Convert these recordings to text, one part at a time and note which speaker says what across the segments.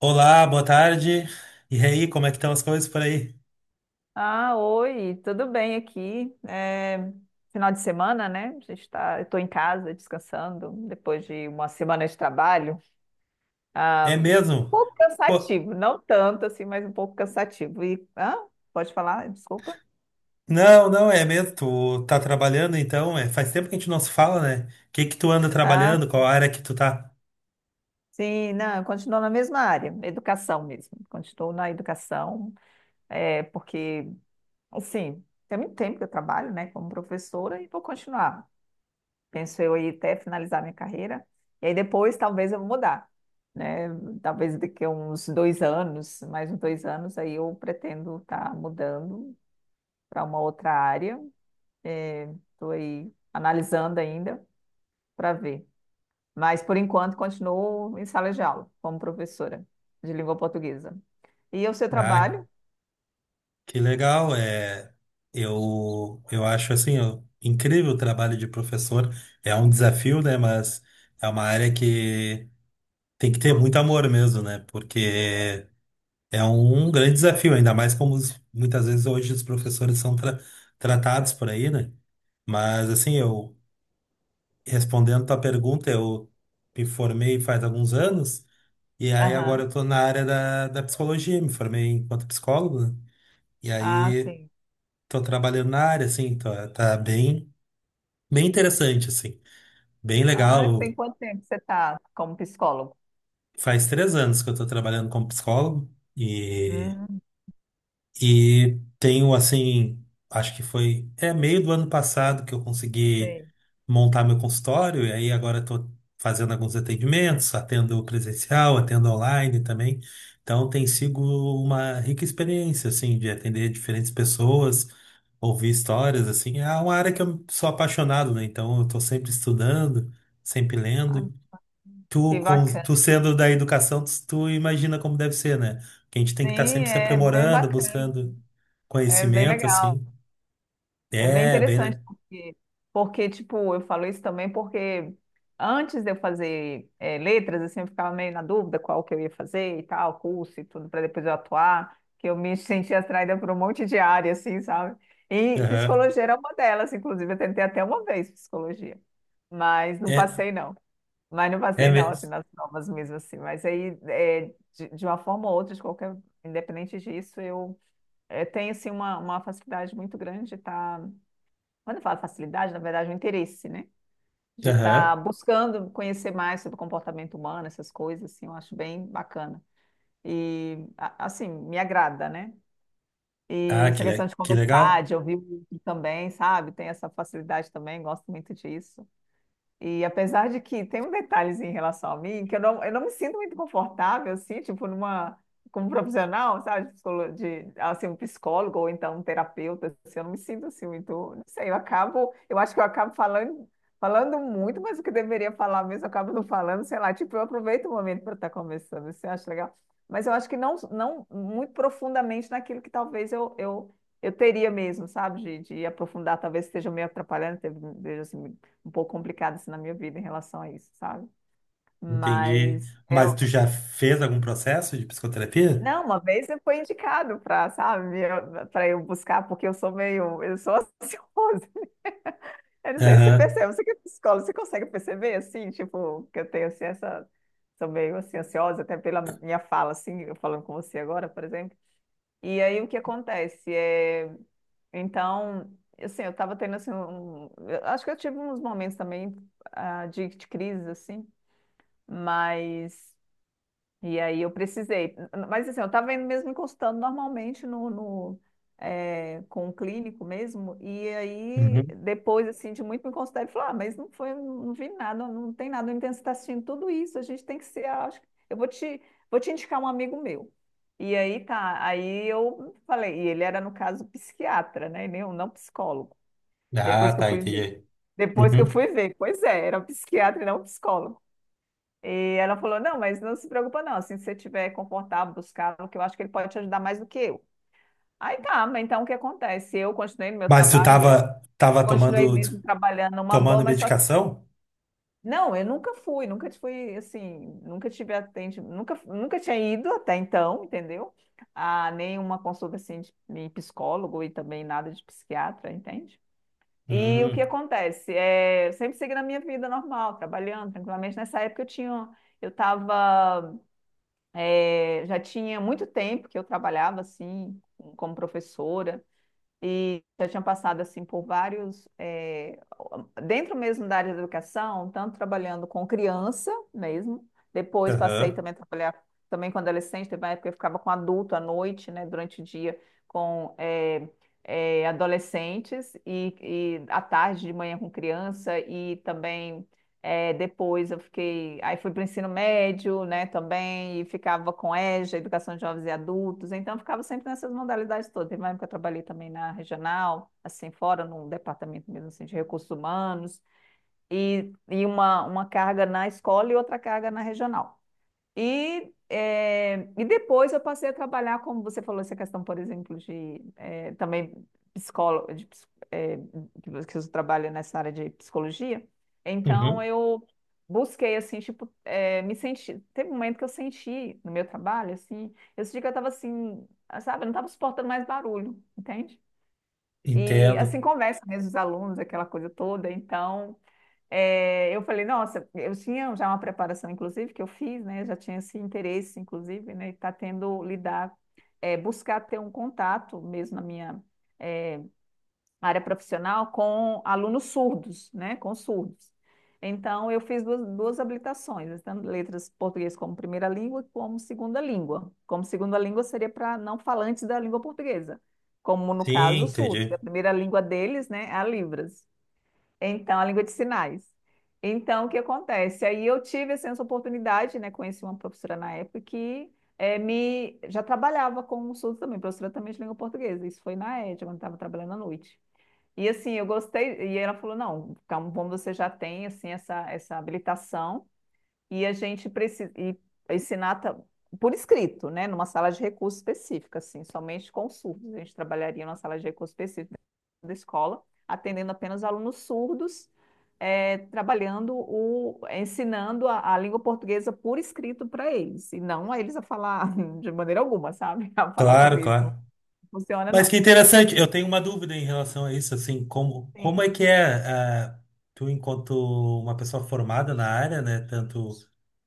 Speaker 1: Olá, boa tarde. E aí, como é que estão as coisas por aí?
Speaker 2: Ah, oi, tudo bem aqui? Final de semana, né? A gente tá, eu estou em casa descansando depois de uma semana de trabalho.
Speaker 1: É
Speaker 2: Ah, um
Speaker 1: mesmo?
Speaker 2: pouco
Speaker 1: Pô,
Speaker 2: cansativo, não tanto assim, mas um pouco cansativo. E, ah, pode falar? Desculpa.
Speaker 1: não, é mesmo. Tu tá trabalhando então? É, faz tempo que a gente não se fala, né? O que que tu anda
Speaker 2: Ah,
Speaker 1: trabalhando? Qual área que tu tá?
Speaker 2: sim, não, eu continuo na mesma área, educação mesmo. Continuo na educação, porque, assim, tem muito tempo que eu trabalho, né, como professora e vou continuar. Penso eu aí até finalizar minha carreira. E aí depois talvez eu mudar, né? Talvez daqui a uns dois anos, mais uns dois anos, aí eu pretendo estar mudando para uma outra área. Estou aí analisando ainda para ver. Mas por enquanto continuo em sala de aula como professora de língua portuguesa. E o seu
Speaker 1: Ah,
Speaker 2: trabalho?
Speaker 1: que legal. É, eu acho assim, incrível o trabalho de professor. É um desafio, né? Mas é uma área que tem que ter muito amor mesmo, né? Porque é um grande desafio, ainda mais como muitas vezes hoje os professores são tratados por aí, né? Mas assim, eu respondendo tua pergunta, eu me formei faz alguns anos, e aí agora
Speaker 2: Aham.
Speaker 1: eu tô na área da psicologia, me formei enquanto psicólogo, né? E
Speaker 2: Ah,
Speaker 1: aí
Speaker 2: sim.
Speaker 1: tô trabalhando na área, assim, tá bem interessante, assim, bem
Speaker 2: Ah,
Speaker 1: legal.
Speaker 2: tem quanto tempo que você está como psicólogo?
Speaker 1: Faz três anos que eu tô trabalhando como psicólogo, e
Speaker 2: Hum,
Speaker 1: E tenho assim, acho que foi é meio do ano passado que eu consegui
Speaker 2: sei.
Speaker 1: montar meu consultório, e aí agora estou fazendo alguns atendimentos, atendo presencial, atendo online também. Então tem sido uma rica experiência assim de atender diferentes pessoas, ouvir histórias assim. É uma área que eu sou apaixonado, né? Então eu estou sempre estudando, sempre
Speaker 2: Ai,
Speaker 1: lendo. Tu,
Speaker 2: que
Speaker 1: com, tu
Speaker 2: bacana.
Speaker 1: sendo da educação, tu, tu imagina como deve ser, né? Que a gente tem
Speaker 2: Sim,
Speaker 1: que estar sempre se
Speaker 2: é bem
Speaker 1: aprimorando,
Speaker 2: bacana,
Speaker 1: buscando
Speaker 2: é bem
Speaker 1: conhecimento,
Speaker 2: legal,
Speaker 1: assim.
Speaker 2: é bem
Speaker 1: É, bem,
Speaker 2: interessante,
Speaker 1: né?
Speaker 2: porque, porque tipo, eu falo isso também porque antes de eu fazer letras, assim, eu ficava meio na dúvida qual que eu ia fazer e tal, curso e tudo, para depois eu atuar, que eu me sentia atraída por um monte de área, assim, sabe? E
Speaker 1: Aham.
Speaker 2: psicologia era uma delas, inclusive, eu tentei até uma vez psicologia, mas não
Speaker 1: É,
Speaker 2: passei, não. Mas não
Speaker 1: é
Speaker 2: passei, não, assim,
Speaker 1: mesmo.
Speaker 2: nas provas mesmo, assim. Mas aí, de uma forma ou outra, de qualquer, independente disso, eu tem assim uma facilidade muito grande de estar, quando eu falo facilidade, na verdade, é um interesse, né? De estar
Speaker 1: Aham.
Speaker 2: buscando conhecer mais sobre o comportamento humano, essas coisas, assim, eu acho bem bacana. E, assim, me agrada, né? E
Speaker 1: Ah,
Speaker 2: essa questão de
Speaker 1: que
Speaker 2: conversar,
Speaker 1: legal.
Speaker 2: de ouvir o outro também, sabe? Tem essa facilidade também, gosto muito disso. E apesar de que tem um detalhezinho em relação a mim, que eu não me sinto muito confortável, assim, tipo, numa, como profissional, sabe, de, assim, um psicólogo ou então um terapeuta, assim, eu não me sinto, assim, muito, não sei, eu acabo, eu acho que eu acabo falando, falando muito, mas o que deveria falar mesmo, eu acabo não falando, sei lá, tipo, eu aproveito o momento para estar conversando, você acha legal? Mas eu acho que não, não muito profundamente naquilo que talvez eu teria mesmo, sabe, de aprofundar, talvez esteja meio atrapalhando, veja assim, um pouco complicado assim, na minha vida em relação a isso, sabe?
Speaker 1: Entendi.
Speaker 2: Mas
Speaker 1: Mas
Speaker 2: eu,
Speaker 1: tu já fez algum processo de psicoterapia?
Speaker 2: não, uma vez eu fui indicado para, sabe, para eu buscar, porque eu sou meio, eu sou ansiosa. Eu não sei se você
Speaker 1: Aham.
Speaker 2: percebe, você que é psicólogo, você consegue perceber assim, tipo, que eu tenho assim essa sou meio assim ansiosa até pela minha fala assim, eu falando com você agora, por exemplo. E aí o que acontece é, então, assim, eu tava tendo assim um, eu acho que eu tive uns momentos também de crise assim, mas E aí eu precisei. Mas assim, eu estava indo mesmo me consultando normalmente no, com o clínico mesmo. E aí,
Speaker 1: Uhum.
Speaker 2: depois assim, de muito me consultar, ele falou: Ah, mas não foi, não vi nada, não tem nada. Então, você está assistindo tudo isso, a gente tem que ser. Acho, eu vou te indicar um amigo meu. E aí tá, aí eu falei, e ele era, no caso, psiquiatra, né? E não psicólogo.
Speaker 1: Ah,
Speaker 2: Depois que eu
Speaker 1: tá,
Speaker 2: fui ver.
Speaker 1: entendi.
Speaker 2: Depois que eu
Speaker 1: Uhum.
Speaker 2: fui ver, pois é, era um psiquiatra e não um psicólogo. E ela falou: Não, mas não se preocupa, não. Assim, se você estiver confortável buscar, que eu acho que ele pode te ajudar mais do que eu. Aí tá, mas então o que acontece? Eu continuei no meu
Speaker 1: Mas tu
Speaker 2: trabalho mesmo,
Speaker 1: tava, tava
Speaker 2: continuei
Speaker 1: tomando,
Speaker 2: mesmo trabalhando numa boa,
Speaker 1: tomando
Speaker 2: mas só que.
Speaker 1: medicação?
Speaker 2: Não, eu nunca fui, nunca fui assim, nunca tive atendimento, nunca, nunca tinha ido até então, entendeu? A nenhuma consulta assim de psicólogo e também nada de psiquiatra, entende? E o que
Speaker 1: Hum.
Speaker 2: acontece? É, eu sempre segui na minha vida normal, trabalhando tranquilamente. Nessa época eu tinha, eu estava É, já tinha muito tempo que eu trabalhava assim como professora e já tinha passado assim por vários dentro mesmo da área da educação, tanto trabalhando com criança mesmo, depois passei
Speaker 1: Aham.
Speaker 2: também a trabalhar também com adolescente, teve uma época que eu ficava com adulto à noite, né, durante o dia com adolescentes e à tarde de manhã com criança e também depois eu fiquei, aí fui para o ensino médio, né, também, e ficava com EJA, Educação de Jovens e Adultos, então eu ficava sempre nessas modalidades todas. Teve uma época que eu trabalhei também na regional, assim, fora, num departamento mesmo, assim, de recursos humanos, e uma carga na escola e outra carga na regional. E, e depois eu passei a trabalhar, como você falou, essa questão, por exemplo, de também psicólogo, de, que você trabalha nessa área de psicologia. Então
Speaker 1: Uhum.
Speaker 2: eu busquei assim, tipo, me senti. Teve um momento que eu senti no meu trabalho, assim, eu senti que eu estava assim, sabe, eu não estava suportando mais barulho, entende? E
Speaker 1: Entendo.
Speaker 2: assim, conversa mesmo os alunos, aquela coisa toda. Então é, eu falei, nossa, eu tinha já uma preparação, inclusive, que eu fiz, né? Já tinha esse interesse, inclusive, né? E tá tendo lidar, buscar ter um contato mesmo na minha é, área profissional com alunos surdos, né? Com surdos. Então, eu fiz duas, duas habilitações, tanto letras português como primeira língua, como segunda língua. Como segunda língua seria para não falantes da língua portuguesa, como no
Speaker 1: Sim,
Speaker 2: caso os surdos, que
Speaker 1: entendi.
Speaker 2: a primeira língua deles, né, é a Libras. Então, a língua de sinais. Então, o que acontece? Aí eu tive assim, essa oportunidade, né? Conheci uma professora na época que me já trabalhava com o surdo também, professora também de língua portuguesa. Isso foi na ED, quando estava trabalhando à noite. E assim, eu gostei, e ela falou: não, calma, como você já tem assim, essa habilitação e a gente precisa e ensinar por escrito, né, numa sala de recursos específica, assim, somente com surdos. A gente trabalharia numa sala de recursos específica da escola, atendendo apenas alunos surdos, trabalhando o, ensinando a língua portuguesa por escrito para eles, e não a eles a falar de maneira alguma, sabe? A falar o
Speaker 1: Claro,
Speaker 2: português não
Speaker 1: claro.
Speaker 2: funciona,
Speaker 1: Mas
Speaker 2: não.
Speaker 1: que interessante, eu tenho uma dúvida em relação a isso, assim, como
Speaker 2: Sim.
Speaker 1: é que é, tu enquanto uma pessoa formada na área, né, tanto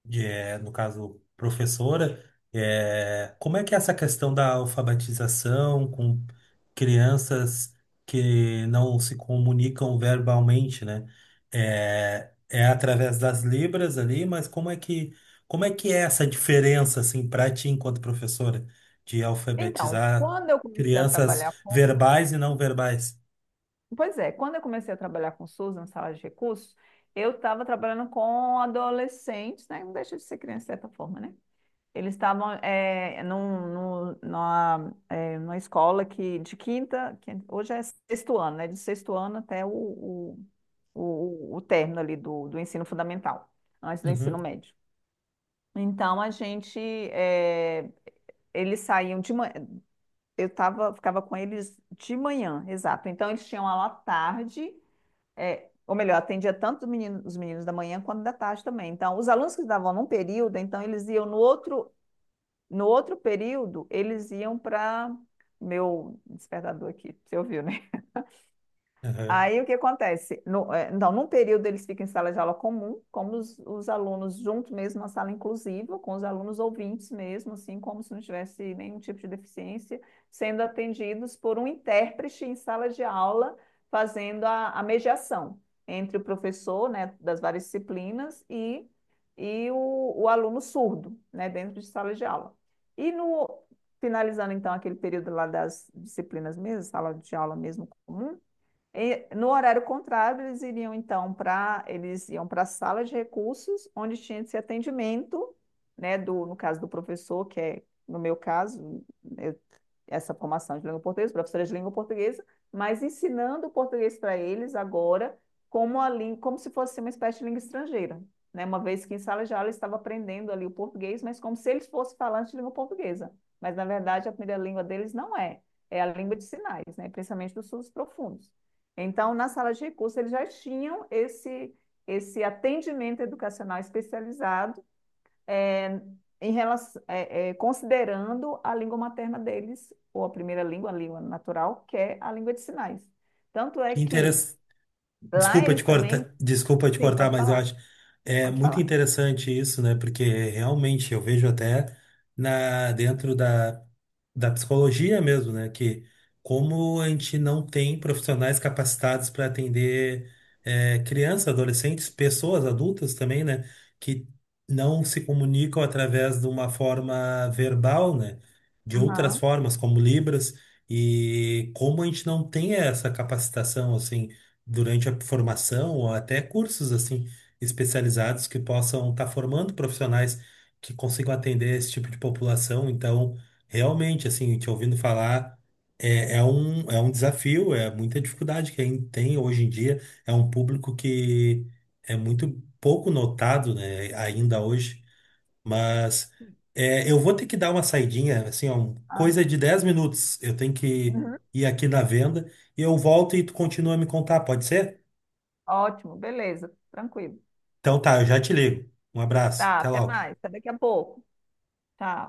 Speaker 1: de, no caso, professora, como é que é essa questão da alfabetização com crianças que não se comunicam verbalmente, né? É, é através das libras ali, mas como é que é essa diferença, assim, para ti enquanto professora? De
Speaker 2: Então,
Speaker 1: alfabetizar
Speaker 2: quando eu comecei a
Speaker 1: crianças
Speaker 2: trabalhar com
Speaker 1: verbais e não verbais.
Speaker 2: Pois é, quando eu comecei a trabalhar com SUS na sala de recursos, eu estava trabalhando com adolescentes, né? Não deixa de ser criança de certa forma, né? Eles estavam num, numa escola que de quinta, que hoje é sexto ano, né? De sexto ano até o término ali do ensino fundamental, antes do
Speaker 1: Uhum,
Speaker 2: ensino médio. Então a gente, é, eles saíam de manhã, eu tava, ficava com eles de manhã, exato. Então eles tinham aula à tarde ou melhor, atendia tanto os meninos da manhã quanto da tarde também. Então, os alunos que estavam num período, então eles iam no outro, no outro período, eles iam para meu despertador aqui, você ouviu, né?
Speaker 1: aham.
Speaker 2: Aí o que acontece? No, eh, então, num período eles ficam em sala de aula comum, como os alunos juntos mesmo, na sala inclusiva, com os alunos ouvintes mesmo, assim, como se não tivesse nenhum tipo de deficiência, sendo atendidos por um intérprete em sala de aula, fazendo a mediação entre o professor, né, das várias disciplinas e o aluno surdo, né, dentro de sala de aula. E no, finalizando então aquele período lá das disciplinas mesmo, sala de aula mesmo comum, e no horário contrário, eles iriam então para eles iam para a sala de recursos, onde tinha esse atendimento, né, do, no caso do professor, que é, no meu caso, eu- essa formação de língua portuguesa, professora de língua portuguesa, mas ensinando o português para eles agora como a língua, como se fosse uma espécie de língua estrangeira, né? Uma vez que em sala de aula eles estavam aprendendo ali o português, mas como se eles fossem falantes de língua portuguesa. Mas na verdade a primeira língua deles não é, é a língua de sinais, né? Principalmente dos sul profundos. Então, na sala de recurso, eles já tinham esse, esse atendimento educacional especializado é, em relação, considerando a língua materna deles, ou a primeira língua, a língua natural, que é a língua de sinais. Tanto é
Speaker 1: Que
Speaker 2: que lá
Speaker 1: desculpa te
Speaker 2: eles também.
Speaker 1: cortar, desculpa te
Speaker 2: Sim,
Speaker 1: cortar,
Speaker 2: pode
Speaker 1: mas eu
Speaker 2: falar,
Speaker 1: acho é
Speaker 2: pode
Speaker 1: muito
Speaker 2: falar.
Speaker 1: interessante isso, né? Porque realmente eu vejo até na dentro da psicologia mesmo, né? Que como a gente não tem profissionais capacitados para atender crianças, adolescentes, pessoas adultas também, né? Que não se comunicam através de uma forma verbal, né? De outras
Speaker 2: Aham.
Speaker 1: formas, como Libras, e como a gente não tem essa capacitação, assim durante a formação ou até cursos assim especializados que possam estar formando profissionais que consigam atender esse tipo de população. Então, realmente, assim, te ouvindo falar, é, é um desafio, é muita dificuldade que ainda tem hoje em dia. É um público que é muito pouco notado, né, ainda hoje, mas
Speaker 2: Sim.
Speaker 1: é, eu vou ter que dar uma saidinha, assim, ó,
Speaker 2: Ah,
Speaker 1: coisa de 10 minutos. Eu tenho que
Speaker 2: uhum.
Speaker 1: ir aqui na venda e eu volto e tu continua a me contar, pode ser?
Speaker 2: Ótimo, beleza, tranquilo.
Speaker 1: Então tá, eu já te ligo. Um abraço,
Speaker 2: Tá,
Speaker 1: até
Speaker 2: até
Speaker 1: logo.
Speaker 2: mais, até daqui a pouco. Tá.